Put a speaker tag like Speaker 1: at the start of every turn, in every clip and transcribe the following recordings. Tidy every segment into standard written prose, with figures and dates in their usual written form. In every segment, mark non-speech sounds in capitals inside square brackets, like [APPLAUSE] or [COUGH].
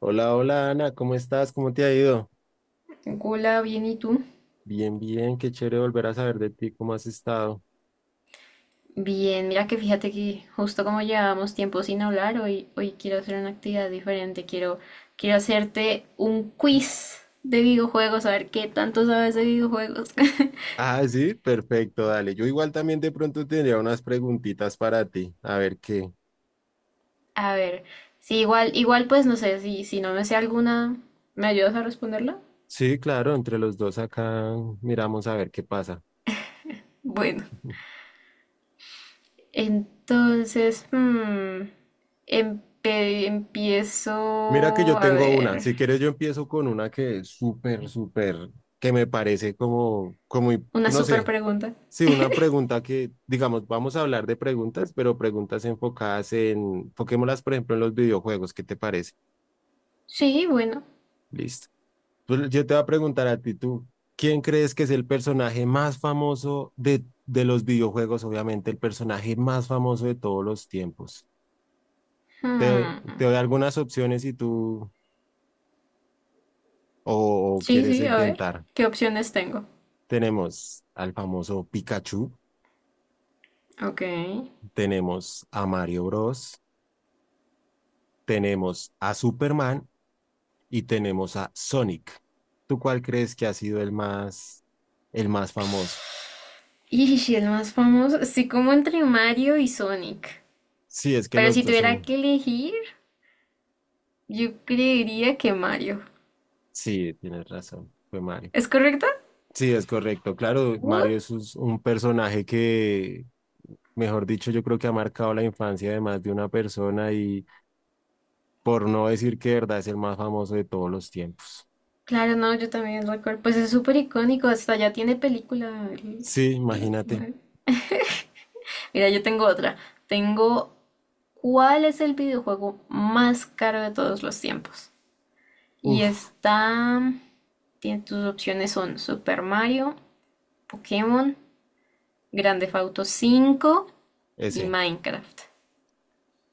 Speaker 1: Hola, hola Ana, ¿cómo estás? ¿Cómo te ha ido?
Speaker 2: Hola, bien, ¿y tú?
Speaker 1: Bien, bien, qué chévere volver a saber de ti, ¿cómo has estado?
Speaker 2: Bien, mira que fíjate que justo como llevábamos tiempo sin hablar, hoy quiero hacer una actividad diferente. Quiero hacerte un quiz de videojuegos, a ver qué tanto sabes de videojuegos. [LAUGHS]
Speaker 1: Ah, sí, perfecto, dale. Yo igual también de pronto tendría unas preguntitas para ti, a ver qué.
Speaker 2: A ver, sí, igual pues no sé, si no me sé alguna, ¿me ayudas a responderla?
Speaker 1: Sí, claro, entre los dos acá miramos a ver qué pasa.
Speaker 2: Bueno,
Speaker 1: [LAUGHS]
Speaker 2: entonces, empiezo
Speaker 1: Mira que yo
Speaker 2: a
Speaker 1: tengo una,
Speaker 2: ver.
Speaker 1: si quieres yo empiezo con una que es súper, súper, que me parece como,
Speaker 2: Una
Speaker 1: no
Speaker 2: super
Speaker 1: sé,
Speaker 2: pregunta.
Speaker 1: sí, una pregunta que, digamos, vamos a hablar de preguntas, pero preguntas enfocadas enfoquémoslas, por ejemplo, en los videojuegos, ¿qué te parece?
Speaker 2: Sí, bueno.
Speaker 1: Listo. Pues yo te voy a preguntar a ti, tú, ¿quién crees que es el personaje más famoso de los videojuegos? Obviamente, el personaje más famoso de todos los tiempos. Te, doy-
Speaker 2: Hmm.
Speaker 1: te doy algunas opciones si tú o
Speaker 2: Sí,
Speaker 1: quieres
Speaker 2: sí, a ver,
Speaker 1: intentar.
Speaker 2: ¿qué opciones tengo?
Speaker 1: Tenemos al famoso Pikachu,
Speaker 2: Ok.
Speaker 1: tenemos a Mario Bros, tenemos a Superman y tenemos a Sonic. ¿Tú cuál crees que ha sido el más famoso?
Speaker 2: Y si el más famoso, sí, como entre Mario y Sonic.
Speaker 1: Sí, es que
Speaker 2: Pero
Speaker 1: los
Speaker 2: si
Speaker 1: dos
Speaker 2: tuviera
Speaker 1: son.
Speaker 2: que elegir, yo creería que Mario.
Speaker 1: Sí, tienes razón, fue Mario.
Speaker 2: ¿Es correcto?
Speaker 1: Sí, es correcto. Claro, Mario
Speaker 2: What?
Speaker 1: es un personaje que, mejor dicho, yo creo que ha marcado la infancia de más de una persona y por no decir que de verdad es el más famoso de todos los tiempos.
Speaker 2: Claro, no, yo también recuerdo. Pues es súper icónico, hasta ya tiene película.
Speaker 1: Sí,
Speaker 2: El
Speaker 1: imagínate.
Speaker 2: Mario. Mira, yo tengo otra. Tengo, ¿cuál es el videojuego más caro de todos los tiempos? Y
Speaker 1: Uf,
Speaker 2: está, tiene tus opciones son Super Mario, Pokémon, Grand Theft Auto 5 y
Speaker 1: ese,
Speaker 2: Minecraft.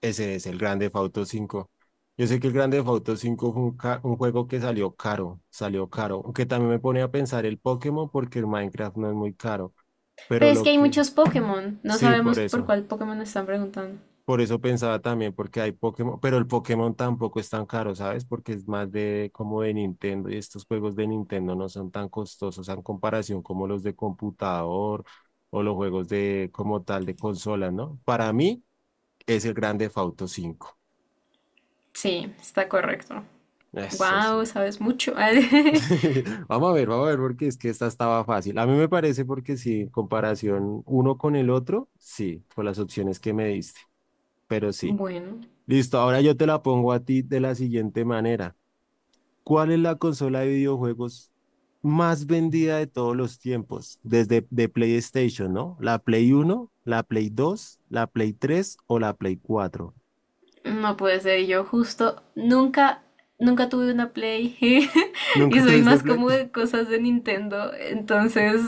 Speaker 1: ese es el Grande Theft Auto 5. Yo sé que el Grande Theft Auto 5 fue un juego que salió caro, aunque también me pone a pensar el Pokémon porque el Minecraft no es muy caro,
Speaker 2: Pero
Speaker 1: pero
Speaker 2: es
Speaker 1: lo
Speaker 2: que hay
Speaker 1: que,
Speaker 2: muchos Pokémon. No
Speaker 1: sí, por
Speaker 2: sabemos por
Speaker 1: eso.
Speaker 2: cuál Pokémon nos están preguntando.
Speaker 1: Por eso pensaba también, porque hay Pokémon, pero el Pokémon tampoco es tan caro, ¿sabes? Porque es más de como de Nintendo y estos juegos de Nintendo no son tan costosos en comparación como los de computador o los juegos de como tal de consola, ¿no? Para mí es el Grand Theft Auto 5.
Speaker 2: Sí, está correcto.
Speaker 1: Eso sí.
Speaker 2: Wow, sabes mucho.
Speaker 1: [LAUGHS] Vamos a ver, porque es que esta estaba fácil. A mí me parece porque sí, en comparación uno con el otro, sí, por las opciones que me diste, pero
Speaker 2: [LAUGHS]
Speaker 1: sí.
Speaker 2: Bueno,
Speaker 1: Listo, ahora yo te la pongo a ti de la siguiente manera. ¿Cuál es la consola de videojuegos más vendida de todos los tiempos? Desde de PlayStation, ¿no? ¿La Play Uno, la Play Dos, la Play Tres o la Play Cuatro?
Speaker 2: no puede ser. Yo justo nunca tuve una Play. [LAUGHS] Y
Speaker 1: ¿Nunca
Speaker 2: soy
Speaker 1: tuviste
Speaker 2: más
Speaker 1: Play?
Speaker 2: como de
Speaker 1: [LAUGHS]
Speaker 2: cosas de Nintendo. Entonces,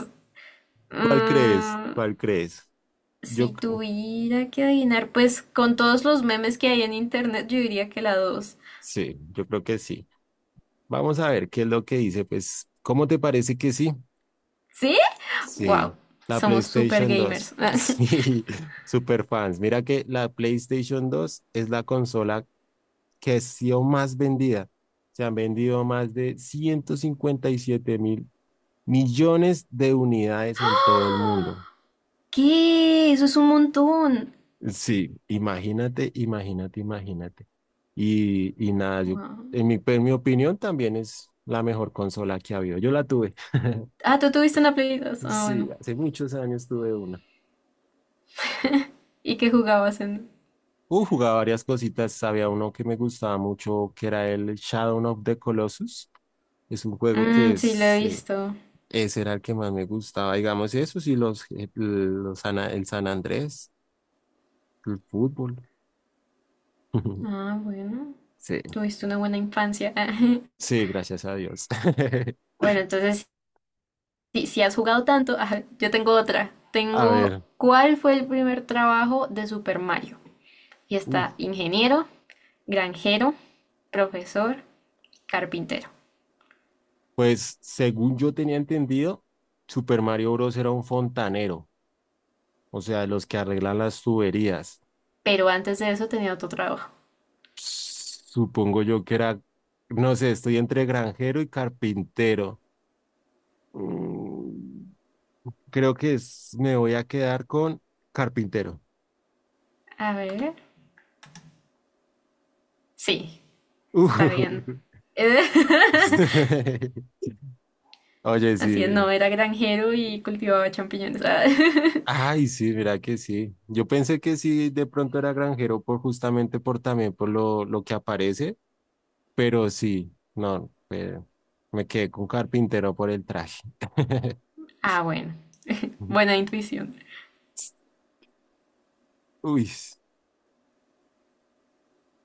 Speaker 1: ¿Cuál crees?
Speaker 2: mm,
Speaker 1: ¿Cuál crees? Yo
Speaker 2: si
Speaker 1: c-
Speaker 2: tuviera que adivinar, pues con todos los memes que hay en internet, yo diría que la 2.
Speaker 1: sí, yo creo que sí. Vamos a ver qué es lo que dice. Pues, ¿cómo te parece que sí?
Speaker 2: ¿Sí? Wow,
Speaker 1: Sí, la
Speaker 2: somos super
Speaker 1: PlayStation
Speaker 2: gamers.
Speaker 1: Dos. [LAUGHS]
Speaker 2: [LAUGHS]
Speaker 1: Sí, super fans. Mira que la PlayStation Dos es la consola que ha sido más vendida. Se han vendido más de 157 mil millones de unidades en todo el mundo.
Speaker 2: ¿Qué? Eso es un montón.
Speaker 1: Sí, imagínate, imagínate, imagínate. Y nada, yo,
Speaker 2: Guau.
Speaker 1: en mi opinión también es la mejor consola que ha habido. Yo la tuve. [LAUGHS]
Speaker 2: Ah, tú tuviste una Play 2. Ah,
Speaker 1: Sí,
Speaker 2: bueno.
Speaker 1: hace muchos años tuve una.
Speaker 2: ¿Y qué jugabas en?
Speaker 1: Jugaba varias cositas. Había uno que me gustaba mucho, que era el Shadow of the Colossus. Es un juego que
Speaker 2: Mm, sí, lo
Speaker 1: es.
Speaker 2: he visto.
Speaker 1: Ese era el que más me gustaba, digamos, eso sí, el San Andrés, el fútbol. [LAUGHS]
Speaker 2: Ah, bueno.
Speaker 1: Sí,
Speaker 2: Tuviste una buena infancia. [LAUGHS]
Speaker 1: sí, gracias a Dios. [LAUGHS]
Speaker 2: Bueno, entonces, si has jugado tanto, ajá, yo tengo otra.
Speaker 1: A
Speaker 2: Tengo,
Speaker 1: ver,
Speaker 2: ¿cuál fue el primer trabajo de Super Mario? Y está
Speaker 1: uf,
Speaker 2: ingeniero, granjero, profesor, carpintero.
Speaker 1: pues según yo tenía entendido, Super Mario Bros. Era un fontanero, o sea, los que arreglan las tuberías.
Speaker 2: Pero antes de eso tenía otro trabajo.
Speaker 1: Supongo yo que era, no sé, estoy entre granjero y carpintero. Mm, Creo que me voy a quedar con carpintero.
Speaker 2: A ver. Sí,
Speaker 1: [LAUGHS]
Speaker 2: está
Speaker 1: Ujú.
Speaker 2: bien. Eh,
Speaker 1: [LAUGHS] Oye,
Speaker 2: [LAUGHS] Así es,
Speaker 1: sí.
Speaker 2: no, era granjero y cultivaba champiñones. Ah, [LAUGHS]
Speaker 1: Ay, sí, mira que sí. Yo pensé que sí, de pronto era granjero por justamente por también por lo que aparece, pero sí, no, me quedé con carpintero por el traje. [LAUGHS]
Speaker 2: ah, bueno. Buena intuición.
Speaker 1: Uy,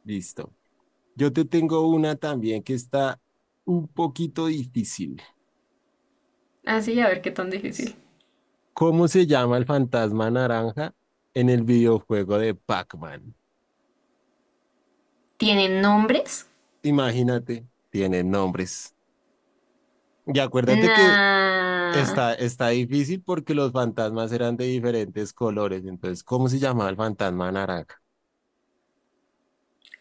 Speaker 1: listo. Yo te tengo una también que está un poquito difícil.
Speaker 2: Así, a ver qué tan
Speaker 1: Es,
Speaker 2: difícil.
Speaker 1: ¿Cómo se llama el fantasma naranja en el videojuego de Pac-Man?
Speaker 2: ¿Tienen nombres?
Speaker 1: Imagínate, tiene nombres. Y acuérdate que
Speaker 2: Nah.
Speaker 1: está difícil porque los fantasmas eran de diferentes colores. Entonces, ¿cómo se llamaba el fantasma naranja?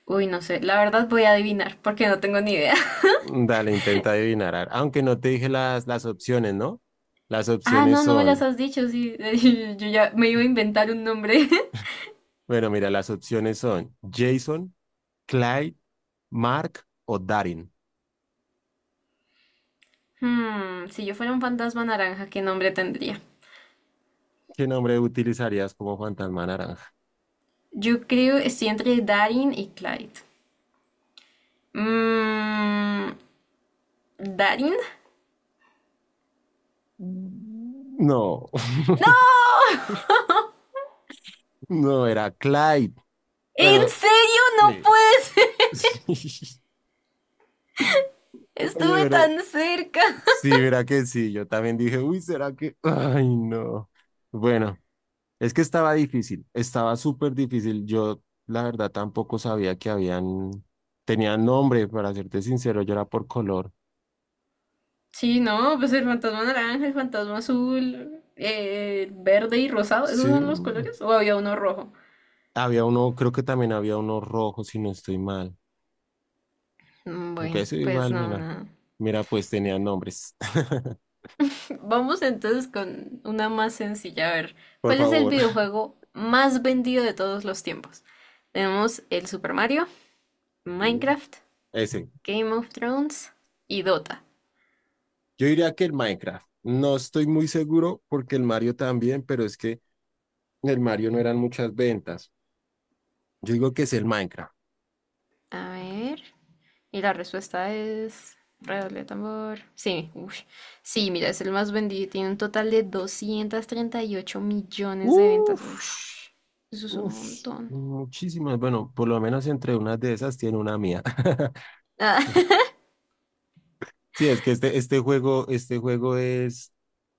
Speaker 2: Uy, no sé. La verdad voy a adivinar porque no tengo ni idea. [LAUGHS]
Speaker 1: Dale, intenta adivinar. Aunque no te dije las opciones, ¿no? Las
Speaker 2: Ah,
Speaker 1: opciones
Speaker 2: no, no me las
Speaker 1: son,
Speaker 2: has dicho. Sí, [LAUGHS] yo ya me iba a inventar un nombre. [LAUGHS]
Speaker 1: bueno, mira, las opciones son Jason, Clyde, Mark o Darin.
Speaker 2: Hmm, si yo fuera un fantasma naranja, ¿qué nombre tendría?
Speaker 1: ¿Qué nombre utilizarías como fantasma naranja?
Speaker 2: Yo creo estoy entre Darin y Clyde. Mmm. ¿Darin?
Speaker 1: Mm. No, [LAUGHS]
Speaker 2: ¡No!
Speaker 1: no, era Clyde.
Speaker 2: ¿En
Speaker 1: Bueno,
Speaker 2: serio? No
Speaker 1: sí.
Speaker 2: puedes.
Speaker 1: [LAUGHS] Oye,
Speaker 2: Estuve
Speaker 1: pero
Speaker 2: tan cerca.
Speaker 1: sí, verá que sí, yo también dije, uy, ¿será que? [LAUGHS] Ay, no. Bueno, es que estaba difícil, estaba súper difícil. Yo, la verdad, tampoco sabía que habían, tenían nombre, para serte sincero, yo era por color.
Speaker 2: Sí, no, pues el fantasma naranja, el fantasma azul, verde y rosado, ¿esos
Speaker 1: Sí,
Speaker 2: son los colores? ¿O había uno rojo?
Speaker 1: había uno, creo que también había uno rojo, si no estoy mal.
Speaker 2: Mm,
Speaker 1: Aunque
Speaker 2: bueno,
Speaker 1: eso
Speaker 2: pues
Speaker 1: igual,
Speaker 2: no,
Speaker 1: mira,
Speaker 2: nada.
Speaker 1: mira, pues tenían nombres. [LAUGHS]
Speaker 2: [LAUGHS] Vamos entonces con una más sencilla. A ver,
Speaker 1: Por
Speaker 2: ¿cuál es el
Speaker 1: favor.
Speaker 2: videojuego más vendido de todos los tiempos? Tenemos el Super Mario,
Speaker 1: Mm,
Speaker 2: Minecraft,
Speaker 1: Ese.
Speaker 2: Game of Thrones y Dota.
Speaker 1: Yo diría que el Minecraft. No estoy muy seguro porque el Mario también, pero es que el Mario no eran muchas ventas. Yo digo que es el Minecraft.
Speaker 2: A ver. Y la respuesta es... Redoble de tambor. Sí, ush. Sí, mira, es el más vendido. Tiene un total de 238 millones de ventas.
Speaker 1: Uf,
Speaker 2: Ush. Eso es un
Speaker 1: uf,
Speaker 2: montón.
Speaker 1: muchísimas. Bueno, por lo menos entre unas de esas tiene una mía. [LAUGHS]
Speaker 2: Ah, [LAUGHS]
Speaker 1: Sí, es que este juego, este juego es,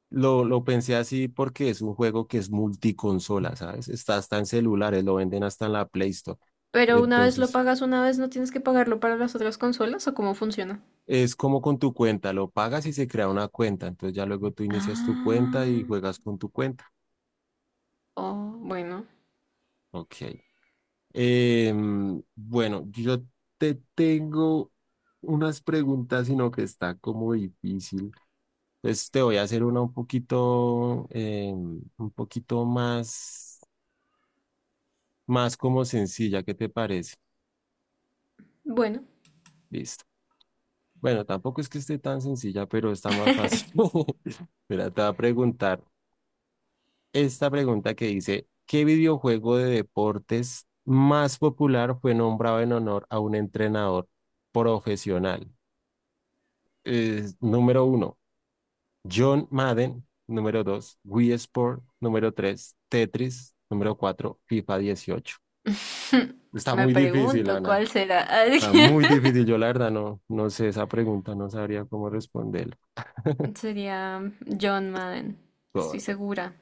Speaker 1: lo pensé así porque es un juego que es multiconsola, ¿sabes? Está hasta en celulares, lo venden hasta en la Play Store.
Speaker 2: pero una vez lo
Speaker 1: Entonces,
Speaker 2: pagas, una vez no tienes que pagarlo para las otras consolas o cómo funciona.
Speaker 1: es como con tu cuenta, lo pagas y se crea una cuenta. Entonces ya luego tú inicias tu cuenta y
Speaker 2: Ah.
Speaker 1: juegas con tu cuenta.
Speaker 2: Oh, bueno.
Speaker 1: Ok. Bueno, yo te tengo unas preguntas, sino que está como difícil. Entonces te voy a hacer una un poquito, un poquito más, como sencilla. ¿Qué te parece?
Speaker 2: Bueno.
Speaker 1: Listo. Bueno, tampoco es que esté tan sencilla, pero está más fácil. [LAUGHS] Mira, te voy a preguntar esta pregunta que dice, ¿qué videojuego de deportes más popular fue nombrado en honor a un entrenador profesional? Número uno, John Madden. Número dos, Wii Sport. Número tres, Tetris. Número cuatro, FIFA 18.
Speaker 2: [LAUGHS]
Speaker 1: Está
Speaker 2: Me
Speaker 1: muy difícil,
Speaker 2: pregunto
Speaker 1: Ana.
Speaker 2: cuál será. [LAUGHS]
Speaker 1: Está muy difícil. Yo, la verdad, no, no sé esa pregunta, no sabría cómo responder.
Speaker 2: Sería John Madden. Estoy
Speaker 1: Correcto.
Speaker 2: segura.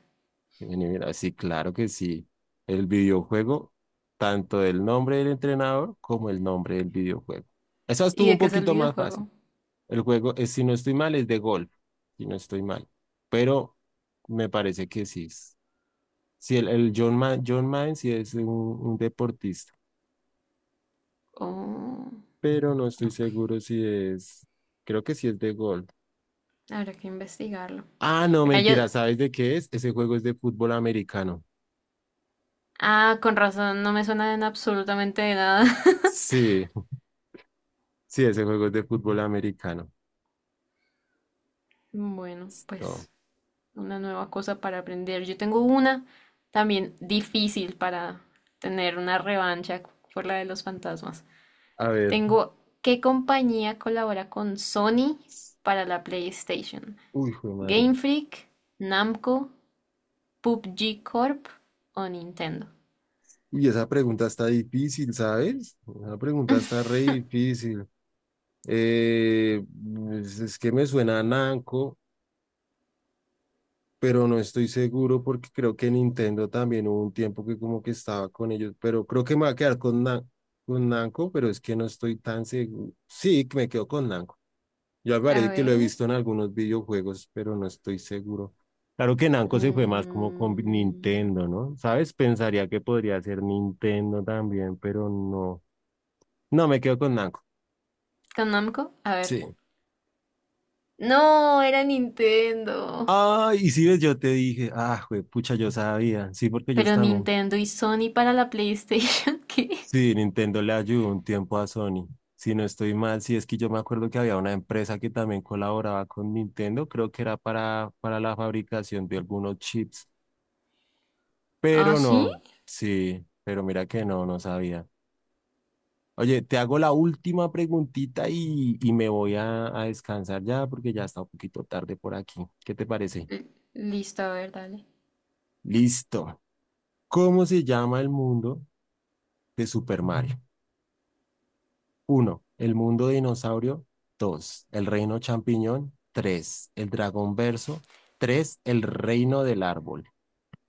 Speaker 1: Vení, mira, sí, claro que sí. El videojuego, tanto el nombre del entrenador como el nombre del videojuego. Esa
Speaker 2: ¿Y
Speaker 1: estuvo un
Speaker 2: de qué es el
Speaker 1: poquito más fácil.
Speaker 2: videojuego?
Speaker 1: El juego, es, si no estoy mal, es de golf, si no estoy mal. Pero me parece que sí. Sí, el John Maine sí es un deportista,
Speaker 2: Oh,
Speaker 1: pero no estoy
Speaker 2: ok.
Speaker 1: seguro si es, creo que sí es de golf.
Speaker 2: Habrá que investigarlo.
Speaker 1: Ah, no,
Speaker 2: Mira, yo...
Speaker 1: mentira, ¿sabes de qué es? Ese juego es de fútbol americano.
Speaker 2: Ah, con razón, no me suena en absolutamente de nada. [LAUGHS]
Speaker 1: Sí, sí, ese juego es de fútbol americano.
Speaker 2: Bueno,
Speaker 1: Listo.
Speaker 2: pues una nueva cosa para aprender. Yo tengo una también difícil para tener una revancha por la de los fantasmas.
Speaker 1: A ver.
Speaker 2: Tengo, ¿qué compañía colabora con Sony para la PlayStation?
Speaker 1: Uy, jue madre.
Speaker 2: ¿Game Freak, Namco, PUBG Corp o Nintendo?
Speaker 1: Uy, esa pregunta está difícil, ¿sabes? Esa pregunta está re difícil. Eh, pues, es que me suena a Nanco. Pero no estoy seguro porque creo que Nintendo también hubo un tiempo que como que estaba con ellos, pero creo que me va a quedar con Namco, pero es que no estoy tan seguro. Sí, que me quedo con Namco. Yo me
Speaker 2: A
Speaker 1: parece que lo he
Speaker 2: ver.
Speaker 1: visto en algunos videojuegos, pero no estoy seguro. Claro que Namco se fue más como con
Speaker 2: Mm,
Speaker 1: Nintendo, ¿no? ¿Sabes? Pensaría que podría ser Nintendo también, pero no. No, me quedo con Namco.
Speaker 2: ¿con Namco? A ver.
Speaker 1: Sí.
Speaker 2: No, era Nintendo.
Speaker 1: Ah, y si ves, yo te dije, ah, pucha, yo sabía. Sí, porque ellos
Speaker 2: Pero
Speaker 1: también.
Speaker 2: Nintendo y Sony para la PlayStation, [LAUGHS] ¿qué?
Speaker 1: Sí, Nintendo le ayudó un tiempo a Sony. Si no estoy mal, sí es que yo me acuerdo que había una empresa que también colaboraba con Nintendo, creo que era para la fabricación de algunos chips,
Speaker 2: ¿Ah,
Speaker 1: pero
Speaker 2: sí?
Speaker 1: no, sí, pero mira que no, no sabía. Oye, te hago la última preguntita y me voy a descansar ya porque ya está un poquito tarde por aquí. ¿Qué te parece?
Speaker 2: L- Listo, a ver, dale.
Speaker 1: Listo. ¿Cómo se llama el mundo de Super Mario? Uno, El mundo dinosaurio. 2, El reino champiñón. 3, El dragón verso. 3, El reino del árbol.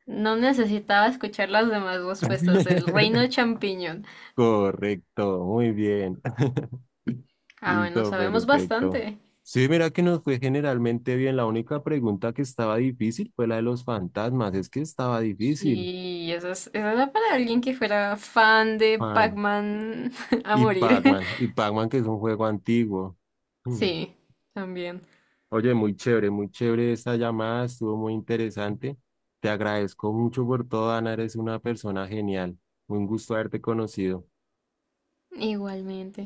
Speaker 2: No necesitaba escuchar las demás respuestas. El reino
Speaker 1: [LAUGHS]
Speaker 2: champiñón.
Speaker 1: Correcto, muy bien. [LAUGHS]
Speaker 2: Ah, bueno,
Speaker 1: Listo,
Speaker 2: sabemos
Speaker 1: perfecto.
Speaker 2: bastante.
Speaker 1: Sí, mira que nos fue generalmente bien. La única pregunta que estaba difícil fue la de los fantasmas. Es que estaba difícil,
Speaker 2: Sí, esa, esa era para alguien que fuera fan de
Speaker 1: man.
Speaker 2: Pac-Man [LAUGHS] a
Speaker 1: Y
Speaker 2: morir.
Speaker 1: Pac-Man. Y
Speaker 2: [LAUGHS]
Speaker 1: Pac-Man, que es un juego antiguo. Mm.
Speaker 2: Sí, también.
Speaker 1: Oye, muy chévere esta llamada, estuvo muy interesante. Te agradezco mucho por todo, Ana, eres una persona genial. Un gusto haberte conocido.
Speaker 2: Igualmente.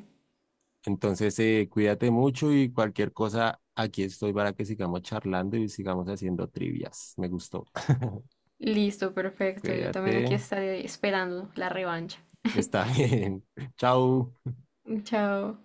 Speaker 1: Entonces, cuídate mucho y cualquier cosa, aquí estoy para que sigamos charlando y sigamos haciendo trivias. Me gustó. [LAUGHS]
Speaker 2: Listo, perfecto. Yo también aquí
Speaker 1: Cuídate,
Speaker 2: estaré esperando la revancha.
Speaker 1: está bien. [LAUGHS] Chao.
Speaker 2: Chao.